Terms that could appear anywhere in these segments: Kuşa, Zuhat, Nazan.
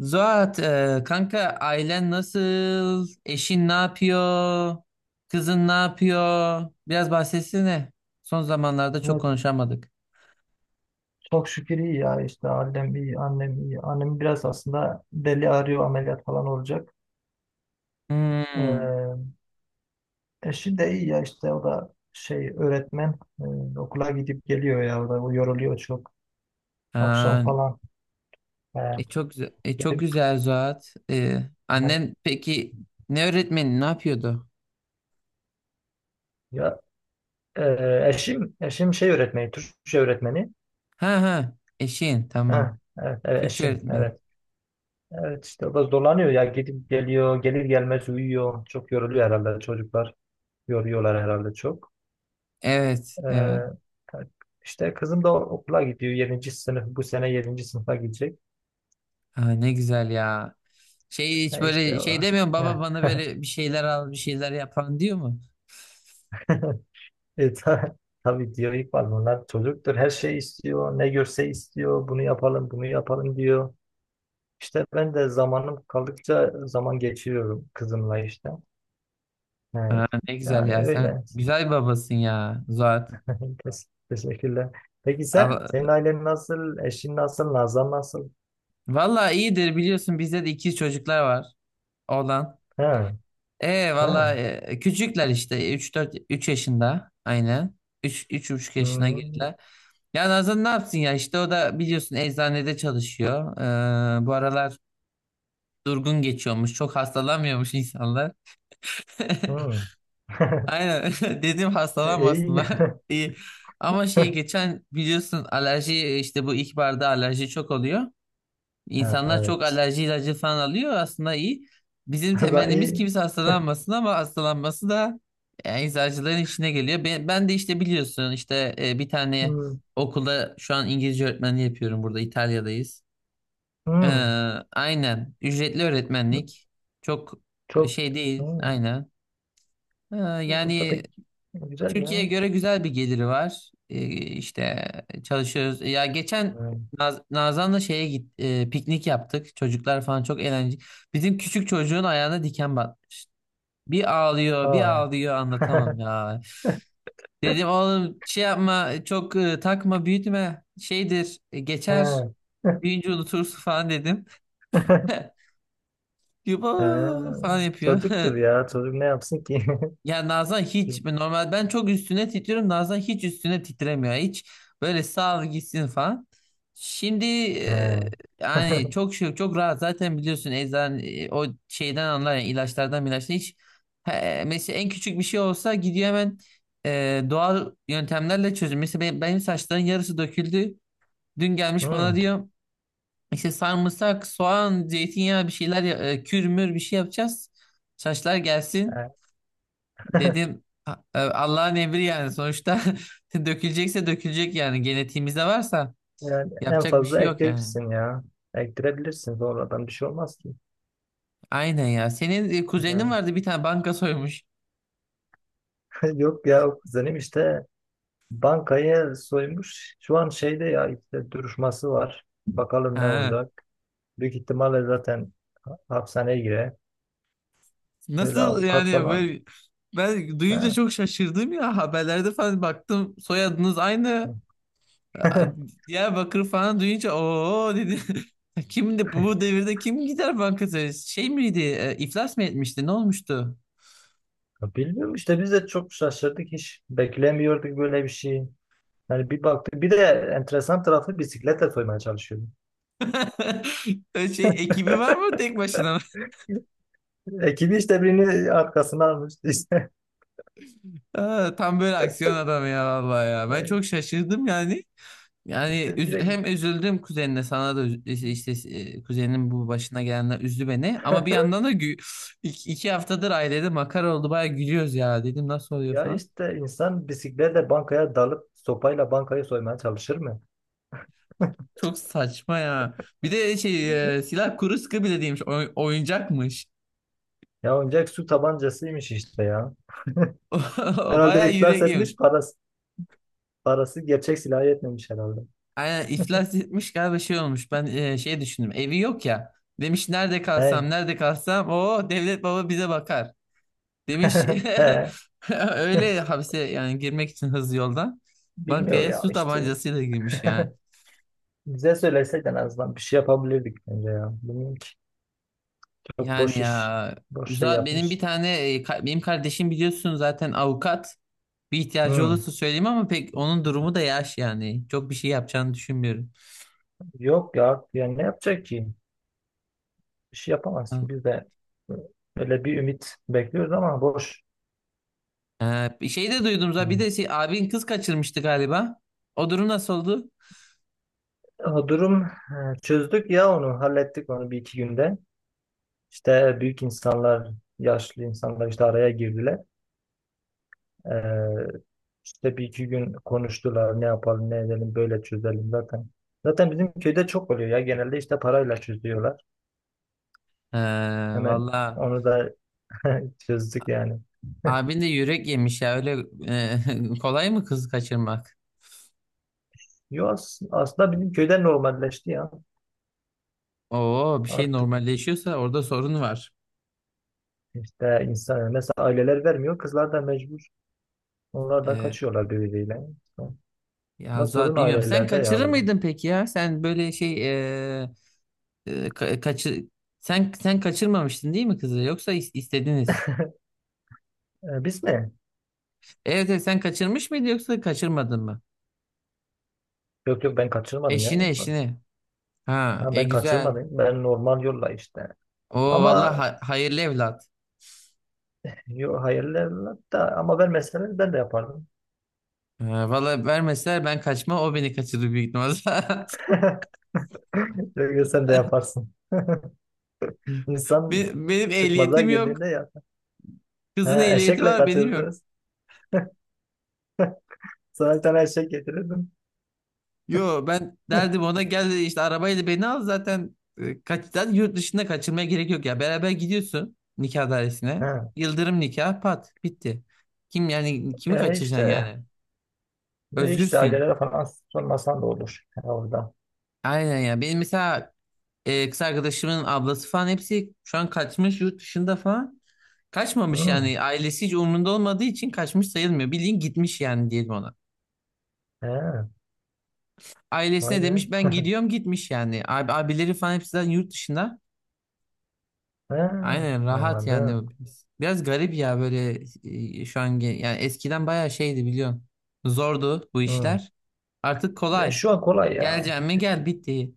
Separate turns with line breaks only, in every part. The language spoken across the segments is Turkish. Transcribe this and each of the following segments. Zuhat, kanka ailen nasıl? Eşin ne yapıyor? Kızın ne yapıyor? Biraz bahsetsene. Son zamanlarda çok
Valla,
konuşamadık.
çok şükür iyi ya işte. Annem iyi. Annem biraz aslında deli arıyor, ameliyat falan olacak.
Hmm.
ee, Eşi de iyi ya işte. O da şey öğretmen. Okula gidip geliyor ya, o da o yoruluyor çok akşam
Ha,
falan. ee,
çok güzel, çok
gelip-
güzel Zuhat. E,
Hani
annen peki ne öğretmeni ne yapıyordu?
ya, eşim şey öğretmeni Türkçe öğretmeni.
Ha ha, eşin tamam.
Ha, evet, evet,
Türkçe
eşim,
öğretmeni.
evet. Evet işte, o da zorlanıyor ya. Gidip geliyor, gelir gelmez uyuyor, çok yoruluyor herhalde. Çocuklar yoruyorlar herhalde çok.
Evet
Ee,
evet.
işte kızım da okula gidiyor. Yedinci sınıf, bu sene yedinci sınıfa gidecek.
Ha, ne güzel ya. Şey, hiç
Ha,
böyle
işte
şey
o.
demiyor mu?
Ha.
Baba bana böyle bir şeyler al, bir şeyler yapan diyor mu?
E, ta- tabii diyor İkbal, bunlar çocuktur. Her şey istiyor. Ne görse istiyor. Bunu yapalım, bunu yapalım diyor. İşte ben de zamanım kaldıkça zaman geçiriyorum kızımla işte. Ha,
Ha, ne güzel
yani
ya, sen
öyle.
güzel bir babasın ya Zuhat.
Teşekkürler. Peki sen?
A-
Senin ailen nasıl? Eşin nasıl? Nazan nasıl?
Valla iyidir, biliyorsun bizde de ikiz çocuklar var, oğlan.
Ha,
E
ha.
valla e, küçükler işte üç dört üç yaşında aynen. Üç üç 3,5 yaşına
Hmm,
girdiler. Ya Nazan ne yapsın ya, işte o da biliyorsun eczanede çalışıyor. Bu aralar durgun geçiyormuş. Çok hastalanmıyormuş insanlar.
hmm.
Aynen, dedim
İyi.
hastalanmasınlar. İyi. Ama şey, geçen biliyorsun alerji, işte bu ilkbaharda alerji çok oluyor.
Ha,
İnsanlar çok
evet.
alerji ilacı falan alıyor, aslında iyi. Bizim
Hatta
temennimiz
iyi.
kimse hastalanmasın, ama hastalanması da yani eczacıların işine geliyor. Ben de işte biliyorsun, işte bir tane
Hmm,
okulda şu an İngilizce öğretmenliği yapıyorum, burada İtalya'dayız. Ee,
hmm.
aynen ücretli öğretmenlik, çok
Çok.
şey değil
Hmm.
aynen. Ee,
Burada
yani
pek güzel
Türkiye'ye
ya.
göre güzel bir geliri var. İşte çalışıyoruz. Ya geçen
Hmm.
Nazan'la şeye piknik yaptık. Çocuklar falan çok eğlenceli. Bizim küçük çocuğun ayağına diken batmış. Bir ağlıyor, bir
Ha.
ağlıyor, anlatamam ya. Dedim oğlum, şey yapma, çok takma, büyütme. Şeydir, geçer.
Ha.
Büyüyünce unutursun falan dedim. Yuba
Ha.
falan yapıyor.
Çocuktur ya. Çocuk ne yapsın ki?
Ya Nazan hiç normal, ben çok üstüne titriyorum. Nazan hiç üstüne titremiyor. Hiç böyle, sağ ol gitsin falan. Şimdi
Ha.
yani çok şey, çok rahat zaten biliyorsun, o şeyden anlar yani, ilaçtan hiç he, mesela en küçük bir şey olsa gidiyor hemen doğal yöntemlerle çözüm. Mesela benim saçların yarısı döküldü. Dün gelmiş bana
Hmm.
diyor işte sarımsak, soğan, zeytinyağı, bir şeyler kürmür bir şey yapacağız. Saçlar gelsin.
Ha.
Dedim, Allah'ın emri yani sonuçta, dökülecekse dökülecek, yani genetiğimizde varsa
Yani en
yapacak bir şey
fazla
yok yani."
ektirirsin ya. Ektirebilirsin, sonradan bir şey olmaz ki.
Aynen ya. Senin kuzenin
Yani,
vardı bir tane, banka soymuş.
yok ya, o kuzenim işte. Bankayı soymuş. Şu an şeyde ya, işte duruşması var. Bakalım ne
Ha.
olacak. Büyük ihtimalle zaten hapishaneye girer. Öyle
Nasıl
avukat
yani,
falan.
böyle ben
He.
duyunca çok şaşırdım ya, haberlerde falan baktım, soyadınız aynı. A- Diyarbakır falan duyunca o dedi. Kimdi? Bu devirde kim gider banka soyar? Şey miydi? E, iflas mı etmişti? Ne olmuştu?
Ya, bilmiyorum işte, biz de çok şaşırdık, hiç beklemiyorduk böyle bir şey. Yani bir baktık, bir de enteresan tarafı bisikletle soymaya çalışıyordu.
Şey, ekibi var mı, tek başına?
Ekibi işte birini arkasına almış işte.
Aa, tam böyle aksiyon adamı ya vallahi ya. Ben
Yani.
çok şaşırdım yani. Yani
İşte direkt,
hem üzüldüm kuzenine, sana da işte, kuzeninin bu başına gelenler üzdü beni. Ama bir yandan da iki haftadır ailede makara oldu, baya gülüyoruz ya, dedim nasıl oluyor
ya
falan.
işte insan bisikletle bankaya dalıp sopayla bankayı soymaya çalışır mı?
Çok saçma ya. Bir de şey, silah kuru sıkı bile değilmiş, oyuncakmış.
Ya oyuncak su tabancasıymış işte ya.
O
Herhalde
baya
iflas
yüreğim.
etmiş parası. Parası gerçek silahı yetmemiş herhalde.
Aynen, iflas etmiş galiba, şey olmuş. Ben şey düşündüm, evi yok ya. Demiş nerede kalsam,
Hey.
nerede kalsam o devlet baba bize bakar. Demiş,
He.
öyle hapse, yani girmek için hızlı yoldan
Bilmiyor
bankaya
ya
su
işte.
tabancasıyla girmiş yani.
Bize söyleseydin en azından bir şey yapabilirdik bence ya. Bilmiyorum ki. Çok
Yani
boş iş.
ya,
Boş şey
zaten benim bir
yapmış.
tane benim kardeşim biliyorsun zaten, avukat. Bir ihtiyacı
Hmm.
olursa söyleyeyim, ama pek onun durumu da yaş yani. Çok bir şey yapacağını düşünmüyorum.
Yok ya. Yani ne yapacak ki? Bir şey yapamaz
Ha,
ki. Biz de öyle bir ümit bekliyoruz ama boş.
Bir şey de duydum zaten, bir
Hmm.
de şey, abin kız kaçırmıştı galiba. O durum nasıl oldu?
O durum, çözdük ya onu. Hallettik onu bir iki günde. İşte büyük insanlar, yaşlı insanlar işte araya girdiler. Ee, işte bir iki gün konuştular. Ne yapalım, ne edelim, böyle çözelim zaten. Zaten bizim köyde çok oluyor ya. Genelde işte parayla çözüyorlar.
Ee,
Hemen
valla
onu da çözdük yani.
abin de yürek yemiş ya, öyle kolay mı kız kaçırmak?
Yo, aslında bizim köyde normalleşti ya.
Oo, bir şey
Artık
normalleşiyorsa orada sorun var.
işte insan, mesela aileler vermiyor. Kızlar da mecbur. Onlar da
Ee,
kaçıyorlar birbiriyle.
ya
Ama
Zuhat,
sorun
bilmiyorum. Sen
ailelerde ya
kaçırır
burada.
mıydın peki ya? Sen böyle şey, e, e, ka- kaçı- sen kaçırmamıştın değil mi kızı? Yoksa istediniz.
Biz mi?
Evet, evet, sen kaçırmış mıydın, yoksa kaçırmadın mı?
Yok, yok, ben kaçırmadım ya.
Eşini eşini. Ha,
Ha, ben
güzel.
kaçırmadım. Ben normal yolla işte.
Oo vallahi,
Ama
hayırlı evlat.
yo, hayırlı da, ama ben mesela ben de yapardım.
Ha, valla vermeseler ben kaçma, o beni kaçırır büyük ihtimalle.
Çünkü sen de yaparsın. İnsan
Benim
çıkmaza
ehliyetim yok.
girdiğinde yap.
Kızın
Ha,
ehliyeti
eşekle
var, benim yok.
kaçırdınız. Sana bir tane eşek getirirdim.
Yo, ben derdim ona gel işte arabayla beni al, zaten zaten yurt dışında kaçırmaya gerek yok ya. Beraber gidiyorsun nikah dairesine.
Ha.
Yıldırım nikah, pat, bitti. Kim yani, kimi
E
kaçıracaksın
işte
yani?
e işte
Özgürsün.
ailelere falan sormasan da olur ha, orada.
Aynen ya. Benim mesela kız arkadaşımın ablası falan, hepsi şu an kaçmış yurt dışında falan. Kaçmamış
Hı.
yani, ailesi hiç umrunda olmadığı için kaçmış sayılmıyor. Bildiğin gitmiş yani, diyelim ona.
He. Vay
Ailesine
be.
demiş ben gidiyorum, gitmiş yani. Abileri falan hepsi zaten yurt dışında.
He.
Aynen, rahat
Anladım.
yani. Biraz garip ya böyle, şu an yani eskiden bayağı şeydi biliyorsun. Zordu bu
Hı.
işler. Artık
Ya
kolay.
şu an kolay ya.
Geleceğim mi,
Artık,
gel, bitti.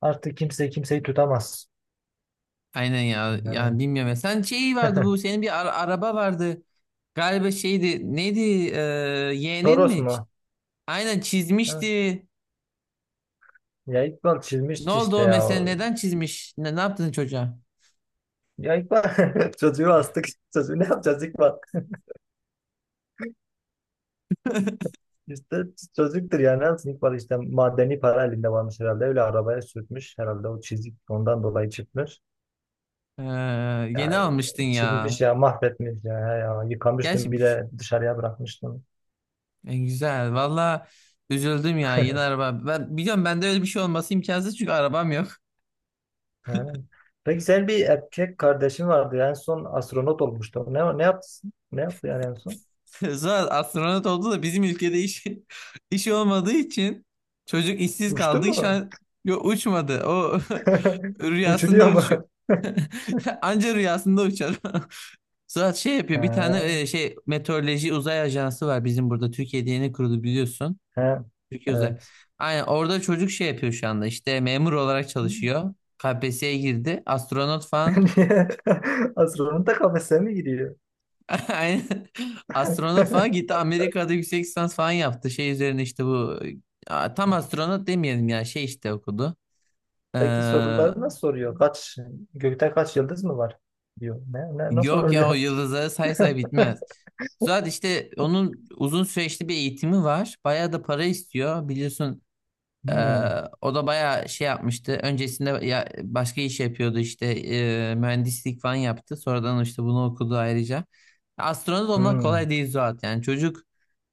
artık kimse kimseyi tutamaz.
Aynen ya. Yani
Yani.
bilmiyorum ya. Sen şey vardı, bu senin bir araba vardı. Galiba şeydi neydi, e, yeğenin mi?
Toros mu?
Aynen,
Ha.
çizmişti.
Ya İkbal
Ne
çizmişti
oldu
işte
o mesela,
ya.
neden çizmiş? Ne yaptın çocuğa?
Ya İkbal çocuğu astık. Çocuğu ne yapacağız İkbal? İşte çocuktur yani. Ne yapsın İkbal? İşte madeni para elinde varmış herhalde. Öyle arabaya sürtmüş. Herhalde o çizik ondan dolayı çıkmış.
Ee, yeni
Ya
almıştın ya.
çizmiş, ya mahvetmiş ya. Ya yıkamıştım,
Gerçi
bir de dışarıya bırakmıştım.
Güzel. Valla üzüldüm ya, yeni araba. Ben biliyorum, bende öyle bir şey olması imkansız çünkü arabam yok.
Yani. Peki senin bir erkek kardeşin vardı. En son astronot olmuştu. Ne, ne yaptı? Ne yaptı yani en son?
Sonra astronot oldu da bizim ülkede işi, işi olmadığı için çocuk işsiz
Uçtu
kaldı. Şu
mu?
an yo, uçmadı. O rüyasında
Uçuruyor
uçuyor.
mu?
Anca rüyasında uçar. Suat şey yapıyor. Bir
He,
tane şey, meteoroloji uzay ajansı var bizim burada. Türkiye'de yeni kuruldu, biliyorsun.
he,
Çocuk özel.
evet.
Aynen, orada çocuk şey yapıyor şu anda, işte memur olarak çalışıyor. KPSS'ye girdi. Astronot falan
Niye? Astronot da kafese mi gidiyor?
aynen, astronot falan gitti, Amerika'da yüksek lisans falan yaptı. Şey üzerine işte bu. Aa, tam astronot demeyelim ya, şey işte, okudu. Ee,
Peki soruları nasıl soruyor? Kaç, gökte kaç yıldız mı var? Diyor. Ne, ne nasıl
yok ya, o
oluyor?
yıldızları say say bitmez. Zaten işte onun uzun süreçli bir eğitimi var. Bayağı da para istiyor, biliyorsun. Ee,
Hmm,
o da bayağı şey yapmıştı. Öncesinde ya, başka iş yapıyordu işte, mühendislik falan yaptı. Sonradan işte bunu okudu ayrıca. Astronot olmak
hmm,
kolay değil Zuhat, yani çocuk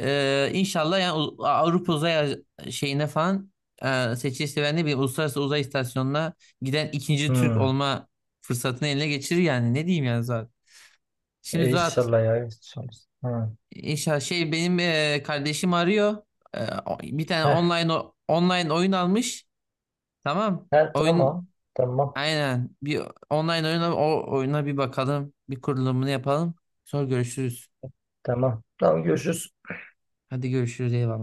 inşallah yani, Avrupa uzay şeyine falan seçilirse, ben de bir uluslararası uzay istasyonuna giden ikinci Türk
hmm.
olma fırsatını eline geçirir, yani ne diyeyim yani Zuhat. Şimdi Zuhat,
İnşallah ya. İnşallah. Ha.
inşallah şey, benim kardeşim arıyor. Bir tane
Heh,
online online oyun almış. Tamam.
ha,
Oyun
tamam. Tamam.
aynen. Bir online oyuna, o oyuna bir bakalım. Bir kurulumunu yapalım. Sonra görüşürüz.
Tamam. Tamam, görüşürüz.
Hadi görüşürüz. Eyvallah.